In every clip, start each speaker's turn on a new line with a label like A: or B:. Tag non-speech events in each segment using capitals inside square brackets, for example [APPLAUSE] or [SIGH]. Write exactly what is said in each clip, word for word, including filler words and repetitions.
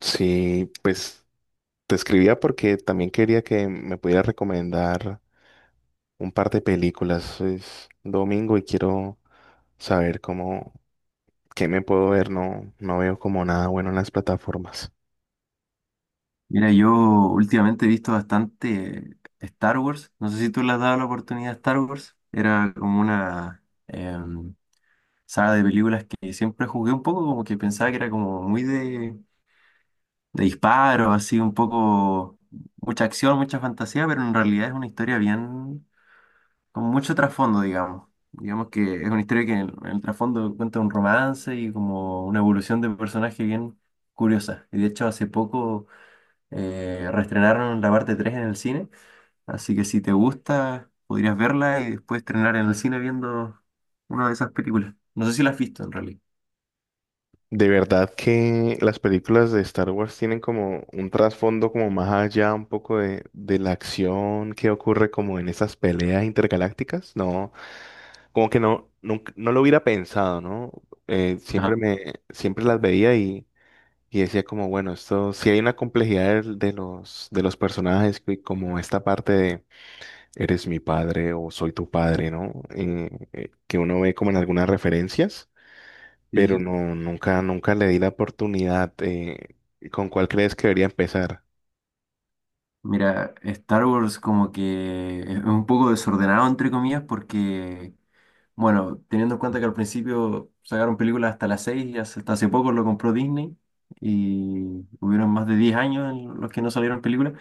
A: Sí, pues te escribía porque también quería que me pudiera recomendar un par de películas. Es domingo y quiero saber cómo, qué me puedo ver. No, no veo como nada bueno en las plataformas.
B: Mira, yo últimamente he visto bastante Star Wars. No sé si tú le has dado la oportunidad a Star Wars. Era como una em, saga de películas que siempre jugué un poco, como que pensaba que era como muy de, de disparo, así un poco mucha acción, mucha fantasía, pero en realidad es una historia bien, con mucho trasfondo, digamos. Digamos que es una historia que en, en el trasfondo cuenta un romance y como una evolución de personaje bien curiosa. Y de hecho hace poco eh, reestrenaron la parte tres en el cine, así que si te gusta, podrías verla y después estrenar en el cine viendo una de esas películas. No sé si la has visto en realidad.
A: De verdad que las películas de Star Wars tienen como un trasfondo como más allá un poco de, de la acción que ocurre como en esas peleas intergalácticas. No, como que no, nunca- no lo hubiera pensado, ¿no? Eh,
B: Ajá.
A: siempre me, siempre las veía. y Y decía como, bueno, esto, si hay una complejidad de, de los, de los personajes, que como esta parte de eres mi padre o soy tu padre, ¿no? Eh, eh, que uno ve como en algunas referencias,
B: Sí, sí,
A: pero
B: sí.
A: no, nunca, nunca le di la oportunidad. Eh, ¿con cuál crees que debería empezar?
B: Mira, Star Wars como que es un poco desordenado, entre comillas, porque, bueno, teniendo en cuenta que al principio sacaron películas hasta las seis y hace- hasta hace poco lo compró Disney y hubieron más de diez años en los que no salieron películas.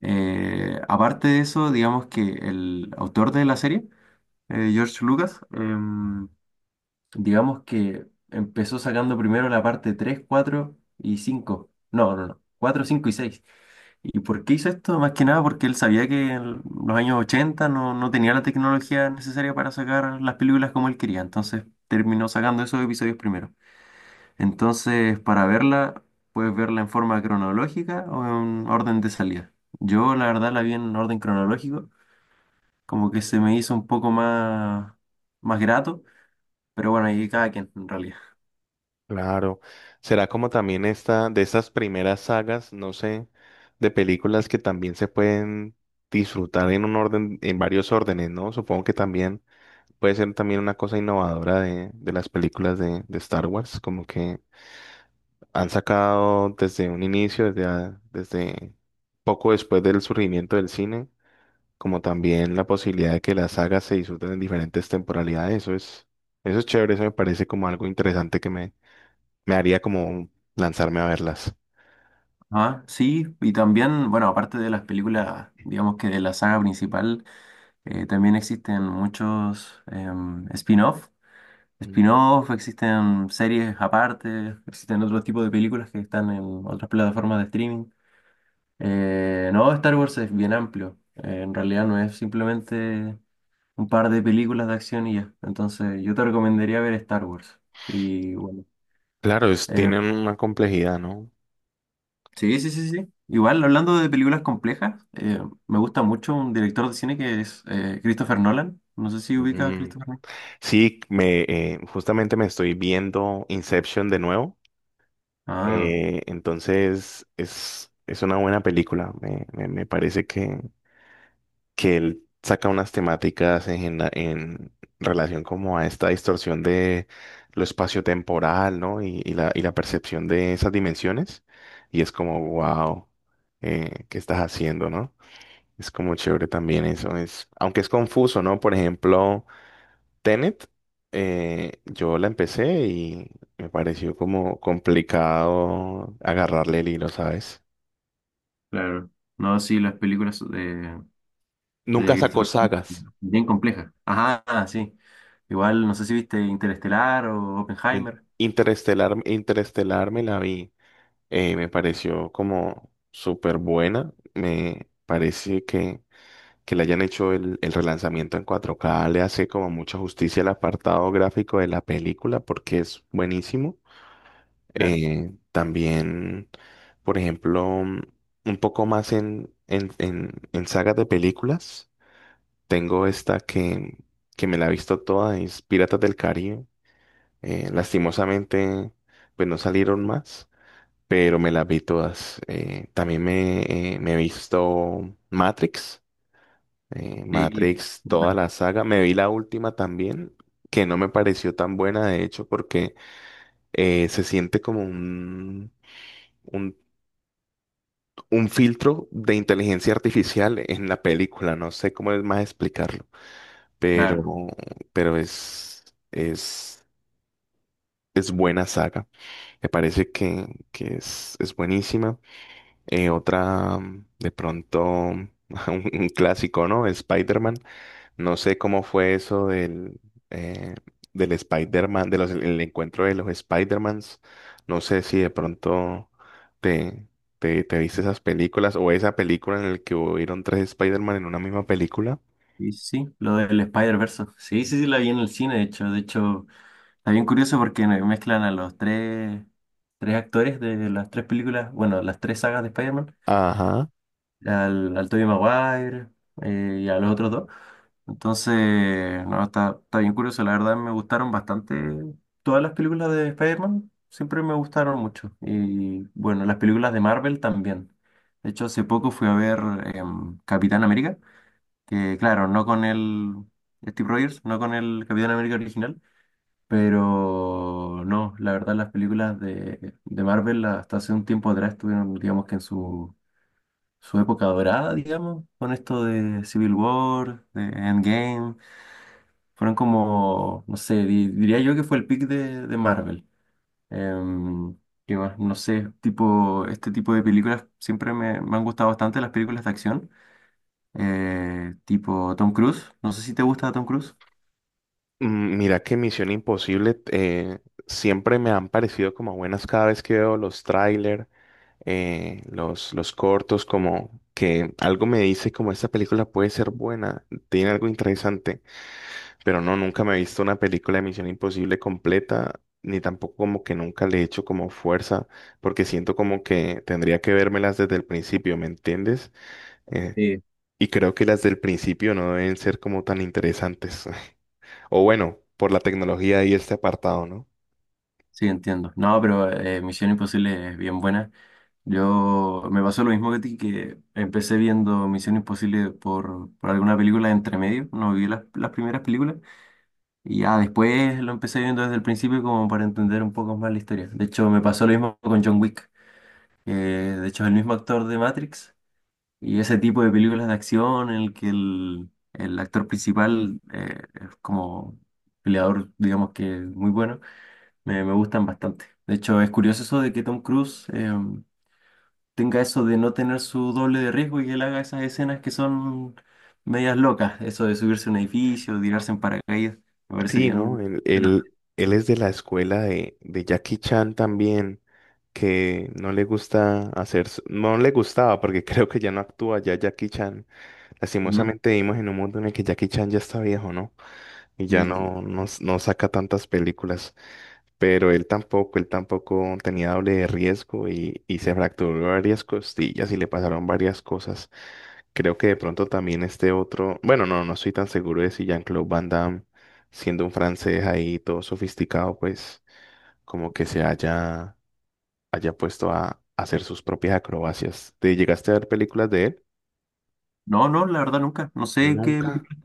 B: Eh, aparte de eso, digamos que el autor de la serie, eh, George Lucas, em, digamos que empezó sacando primero la parte tres, cuatro y cinco. No, no, no. Cuatro, cinco y seis. ¿Y por qué hizo esto? Más que nada porque él sabía que en los años ochenta no, no tenía la tecnología necesaria para sacar las películas como él quería. Entonces terminó sacando esos episodios primero. Entonces, para verla, puedes verla en forma cronológica o en orden de salida. Yo, la verdad, la vi en orden cronológico, como que se me hizo un poco más, más grato, pero bueno, ahí cada quien en realidad.
A: Claro. Será como también esta, de estas primeras sagas, no sé, de películas que también se pueden disfrutar en un orden, en varios órdenes, ¿no? Supongo que también. Puede ser también una cosa innovadora de, de las películas de, de Star Wars, como que han sacado desde un inicio, desde, a- desde poco después del surgimiento del cine, como también la posibilidad de que las sagas se disfruten en diferentes temporalidades. Eso es, eso es chévere, eso me parece como algo interesante que me, me haría como lanzarme a verlas.
B: Ah, sí, y también, bueno, aparte de las películas, digamos que de la saga principal, eh, también existen muchos em, spin-off.
A: Mm.
B: Spin-off, existen series aparte, existen otro tipo de películas que están en otras plataformas de streaming. Eh, no, Star Wars es bien amplio. Eh, en realidad no es simplemente un par de películas de acción y ya. Entonces, yo te recomendaría ver Star Wars. Y bueno.
A: Claro, es,
B: em,
A: tienen una complejidad, ¿no?
B: Sí, sí, sí, sí. Igual, hablando de películas complejas, eh, me gusta mucho un director de cine que es eh, Christopher Nolan. No sé si ubica a
A: Mm.
B: Christopher Nolan.
A: Sí, me, eh, justamente me estoy viendo Inception de nuevo.
B: Ah,
A: Eh, entonces es, es una buena película. Me, me- me parece que, que él saca unas temáticas en, la- en relación como a esta distorsión de lo espaciotemporal, ¿no? Y, y la, y la percepción de esas dimensiones. Y es como, wow, ¿qué estás haciendo, no? Es como chévere también eso. Es, aunque es confuso, ¿no? Por ejemplo. Tenet, eh, yo la empecé y me pareció como complicado agarrarle el hilo, ¿sabes?
B: claro. No, sí, las películas de,
A: Nunca
B: de
A: sacó
B: Christopher
A: sagas.
B: Nolan, bien complejas. Ajá, ah, sí. Igual, no sé si viste Interestelar o
A: In-
B: Oppenheimer.
A: Interestelar, Interestelar me la vi. Eh, me pareció como súper buena. Me parece que, que le hayan hecho el, el relanzamiento en cuatro k. Le hace como mucha justicia al apartado gráfico de la película porque es buenísimo.
B: Claro.
A: Eh, también, por ejemplo, mm, un poco más en, en, en, en sagas de películas, tengo esta que, que me la he visto toda, es Piratas del Caribe. Eh, lastimosamente, pues no salieron más, pero me las vi todas. Eh, también me, eh, me he visto Matrix, eh,
B: Sí,
A: Matrix, toda
B: bueno,
A: la saga. Me vi la última también, que no me pareció tan buena, de hecho, porque eh, se siente como un un un filtro de inteligencia artificial en la película. No sé cómo es más explicarlo,
B: claro.
A: pero, pero es, es, es buena saga. Me parece que, que es, es buenísima. Eh, otra, mm, de pronto, [LAUGHS] un, un clásico, ¿no? Spider-Man. No sé cómo fue eso del, eh, del Spider-Man, de los, el encuentro de los Spider-Mans. No sé si de pronto te, te, te viste esas películas o esa película en la que hubieron tres Spider-Man en una misma película.
B: Sí, sí, sí, lo del Spider-Verse. Sí, sí, sí, la vi en el cine, de hecho. De hecho. Está bien curioso porque me- mezclan a los tres, tres actores de las tres películas, bueno, las tres sagas de Spider-Man,
A: Ajá.
B: al, al Tobey Maguire, eh, y a los otros dos. Entonces, no, está, está bien curioso. La verdad me gustaron bastante todas las películas de Spider-Man, siempre me gustaron mucho. Y bueno, las películas de Marvel también. De hecho, hace poco fui a ver em, Capitán América, que claro, no con el Steve Rogers, no con el Capitán América original, pero no, la verdad las películas de, de Marvel hasta hace un tiempo atrás estuvieron, digamos que en su, su época dorada, digamos, con esto de Civil War, de Endgame, fueron como, no sé, di- diría yo que fue el pick de, de Marvel. Em, ¿Qué más? No sé, tipo, este tipo de películas siempre me, me han gustado bastante las películas de acción, eh, tipo Tom Cruise, no sé si te gusta Tom Cruise.
A: Mm, Mira que Misión Imposible eh, siempre me han parecido como buenas cada vez que veo los trailers, los, los cortos, como que algo me dice como esta película puede ser buena, tiene algo interesante. Pero no, nunca me he visto una película de Misión Imposible completa, ni tampoco como que nunca le he hecho como fuerza, porque siento como que tendría que vérmelas desde el principio, ¿me entiendes? Eh, y creo que las del principio no deben ser como tan interesantes. [LAUGHS] O bueno, por la tecnología y este apartado, ¿no?
B: Sí, entiendo. No, pero eh, Misión Imposible es bien buena. Yo me pasó lo mismo que a ti, que empecé viendo Misión Imposible por, por alguna película entre medio, no vi las, las primeras películas, y ya después lo empecé viendo desde el principio como para entender un poco más la historia. De hecho, me pasó lo mismo con John Wick, que de hecho es el mismo actor de Matrix, y ese tipo de películas de acción en el que el, el actor principal eh, es como peleador, digamos que muy bueno, me, me gustan bastante. De hecho, es curioso eso de que Tom Cruise eh, tenga eso de no tener su doble de riesgo y que él haga esas escenas que son medias locas. Eso de subirse a un edificio, tirarse en paracaídas. Me parece
A: Sí,
B: bien.
A: ¿no? Él,
B: Emocionante.
A: él, él es de la escuela de, de Jackie Chan también, que no le gusta hacer, s- no le gustaba, porque [LAUGHS] creo que ya no actúa ya Jackie Chan.
B: Ujú.
A: Lastimosamente vivimos en un mundo en el que Jackie Chan ya está viejo, ¿no? Y ya
B: Sí, sí, sí.
A: no, no, s- no saca tantas películas. Pero él tampoco, él tampoco tenía doble de riesgo y, y se fracturó varias costillas y le pasaron varias cosas. Creo que de pronto también este otro, bueno, no, no estoy tan seguro de si Jean-Claude Van Damme, siendo un francés ahí todo sofisticado, pues como que se haya, haya puesto a hacer sus propias acrobacias. ¿Te llegaste a ver películas de él?
B: No, no, la verdad nunca. No sé qué
A: Nunca.
B: película-.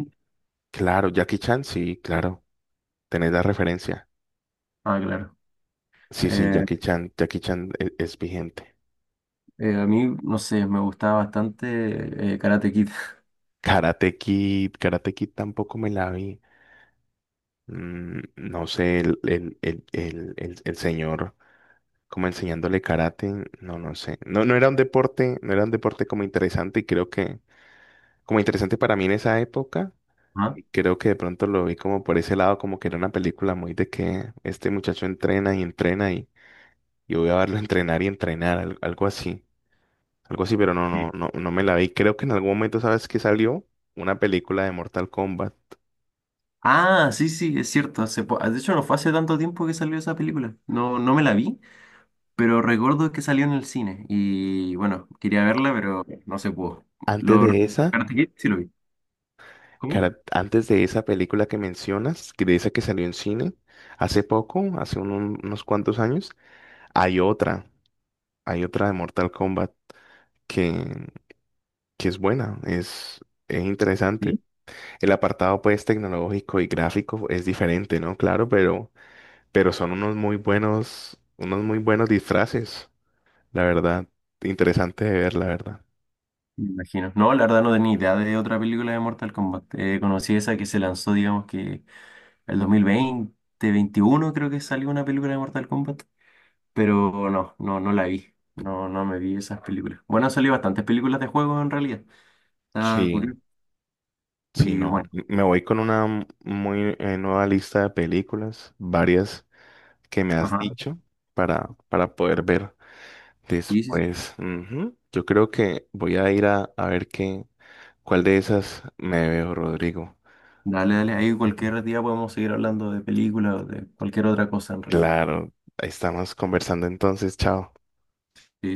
A: Claro, Jackie Chan, sí, claro. ¿Tenés la referencia?
B: Ah, claro.
A: Sí, sí,
B: Eh,
A: Jackie Chan, Jackie Chan e- es vigente.
B: eh, a mí, no sé, me gustaba bastante eh, Karate Kid. [LAUGHS]
A: Karate Kid, Karate Kid tampoco me la vi. Mm, no sé, el, el, el, el, el, el señor como enseñándole karate, no, no sé. No, no era un deporte, no era un deporte como interesante y creo que, como interesante para mí en esa época,
B: Ajá.
A: y creo que de pronto lo vi como por ese lado, como que era una película muy de que este muchacho entrena y entrena y, y voy a verlo [LAUGHS] entrenar y entrenar, al- algo así. Algo así, pero no,
B: Sí.
A: no, no, no me la vi. Creo que en algún momento, ¿sabes que salió? Una película de Mortal Kombat.
B: Ah, sí, sí, es cierto. Hace po- de hecho, no fue hace tanto tiempo que salió esa película. No, no me la vi. Pero recuerdo que salió en el cine y bueno, quería verla, pero no se pudo.
A: Antes
B: Lo...
A: de esa,
B: Karate Kid sí lo vi. ¿Cómo?
A: cara- antes de esa película que mencionas, que de esa que salió en cine, hace poco, hace un- unos cuantos años, hay otra, hay otra de Mortal Kombat que, que es buena, es, es interesante.
B: Sí,
A: El apartado, pues, tecnológico y gráfico es diferente, ¿no? Claro, pero, pero son unos muy buenos, unos muy buenos disfraces, la verdad. Interesante de ver, la verdad.
B: me imagino. No, la verdad no tenía idea de otra película de Mortal Kombat. Eh, conocí esa que se lanzó, digamos que el dos mil veinte, veintiuno creo que salió una película de Mortal Kombat, pero no, no, no la vi. No, no me vi esas películas. Bueno, han salido bastantes películas de juego en realidad. Está
A: Sí,
B: curioso.
A: sí,
B: Y
A: no.
B: bueno,
A: Me voy con una muy eh, nueva lista de películas, varias que me has
B: ajá,
A: dicho para, para poder ver
B: sí, sí, sí.
A: después. Ujú. Yo creo que voy a ir a, a ver qué, cuál de esas me veo, Rodrigo.
B: Dale, dale, ahí cualquier día podemos seguir hablando de películas o de cualquier otra cosa en realidad.
A: Claro, ahí estamos conversando entonces, chao.
B: Sí, sí.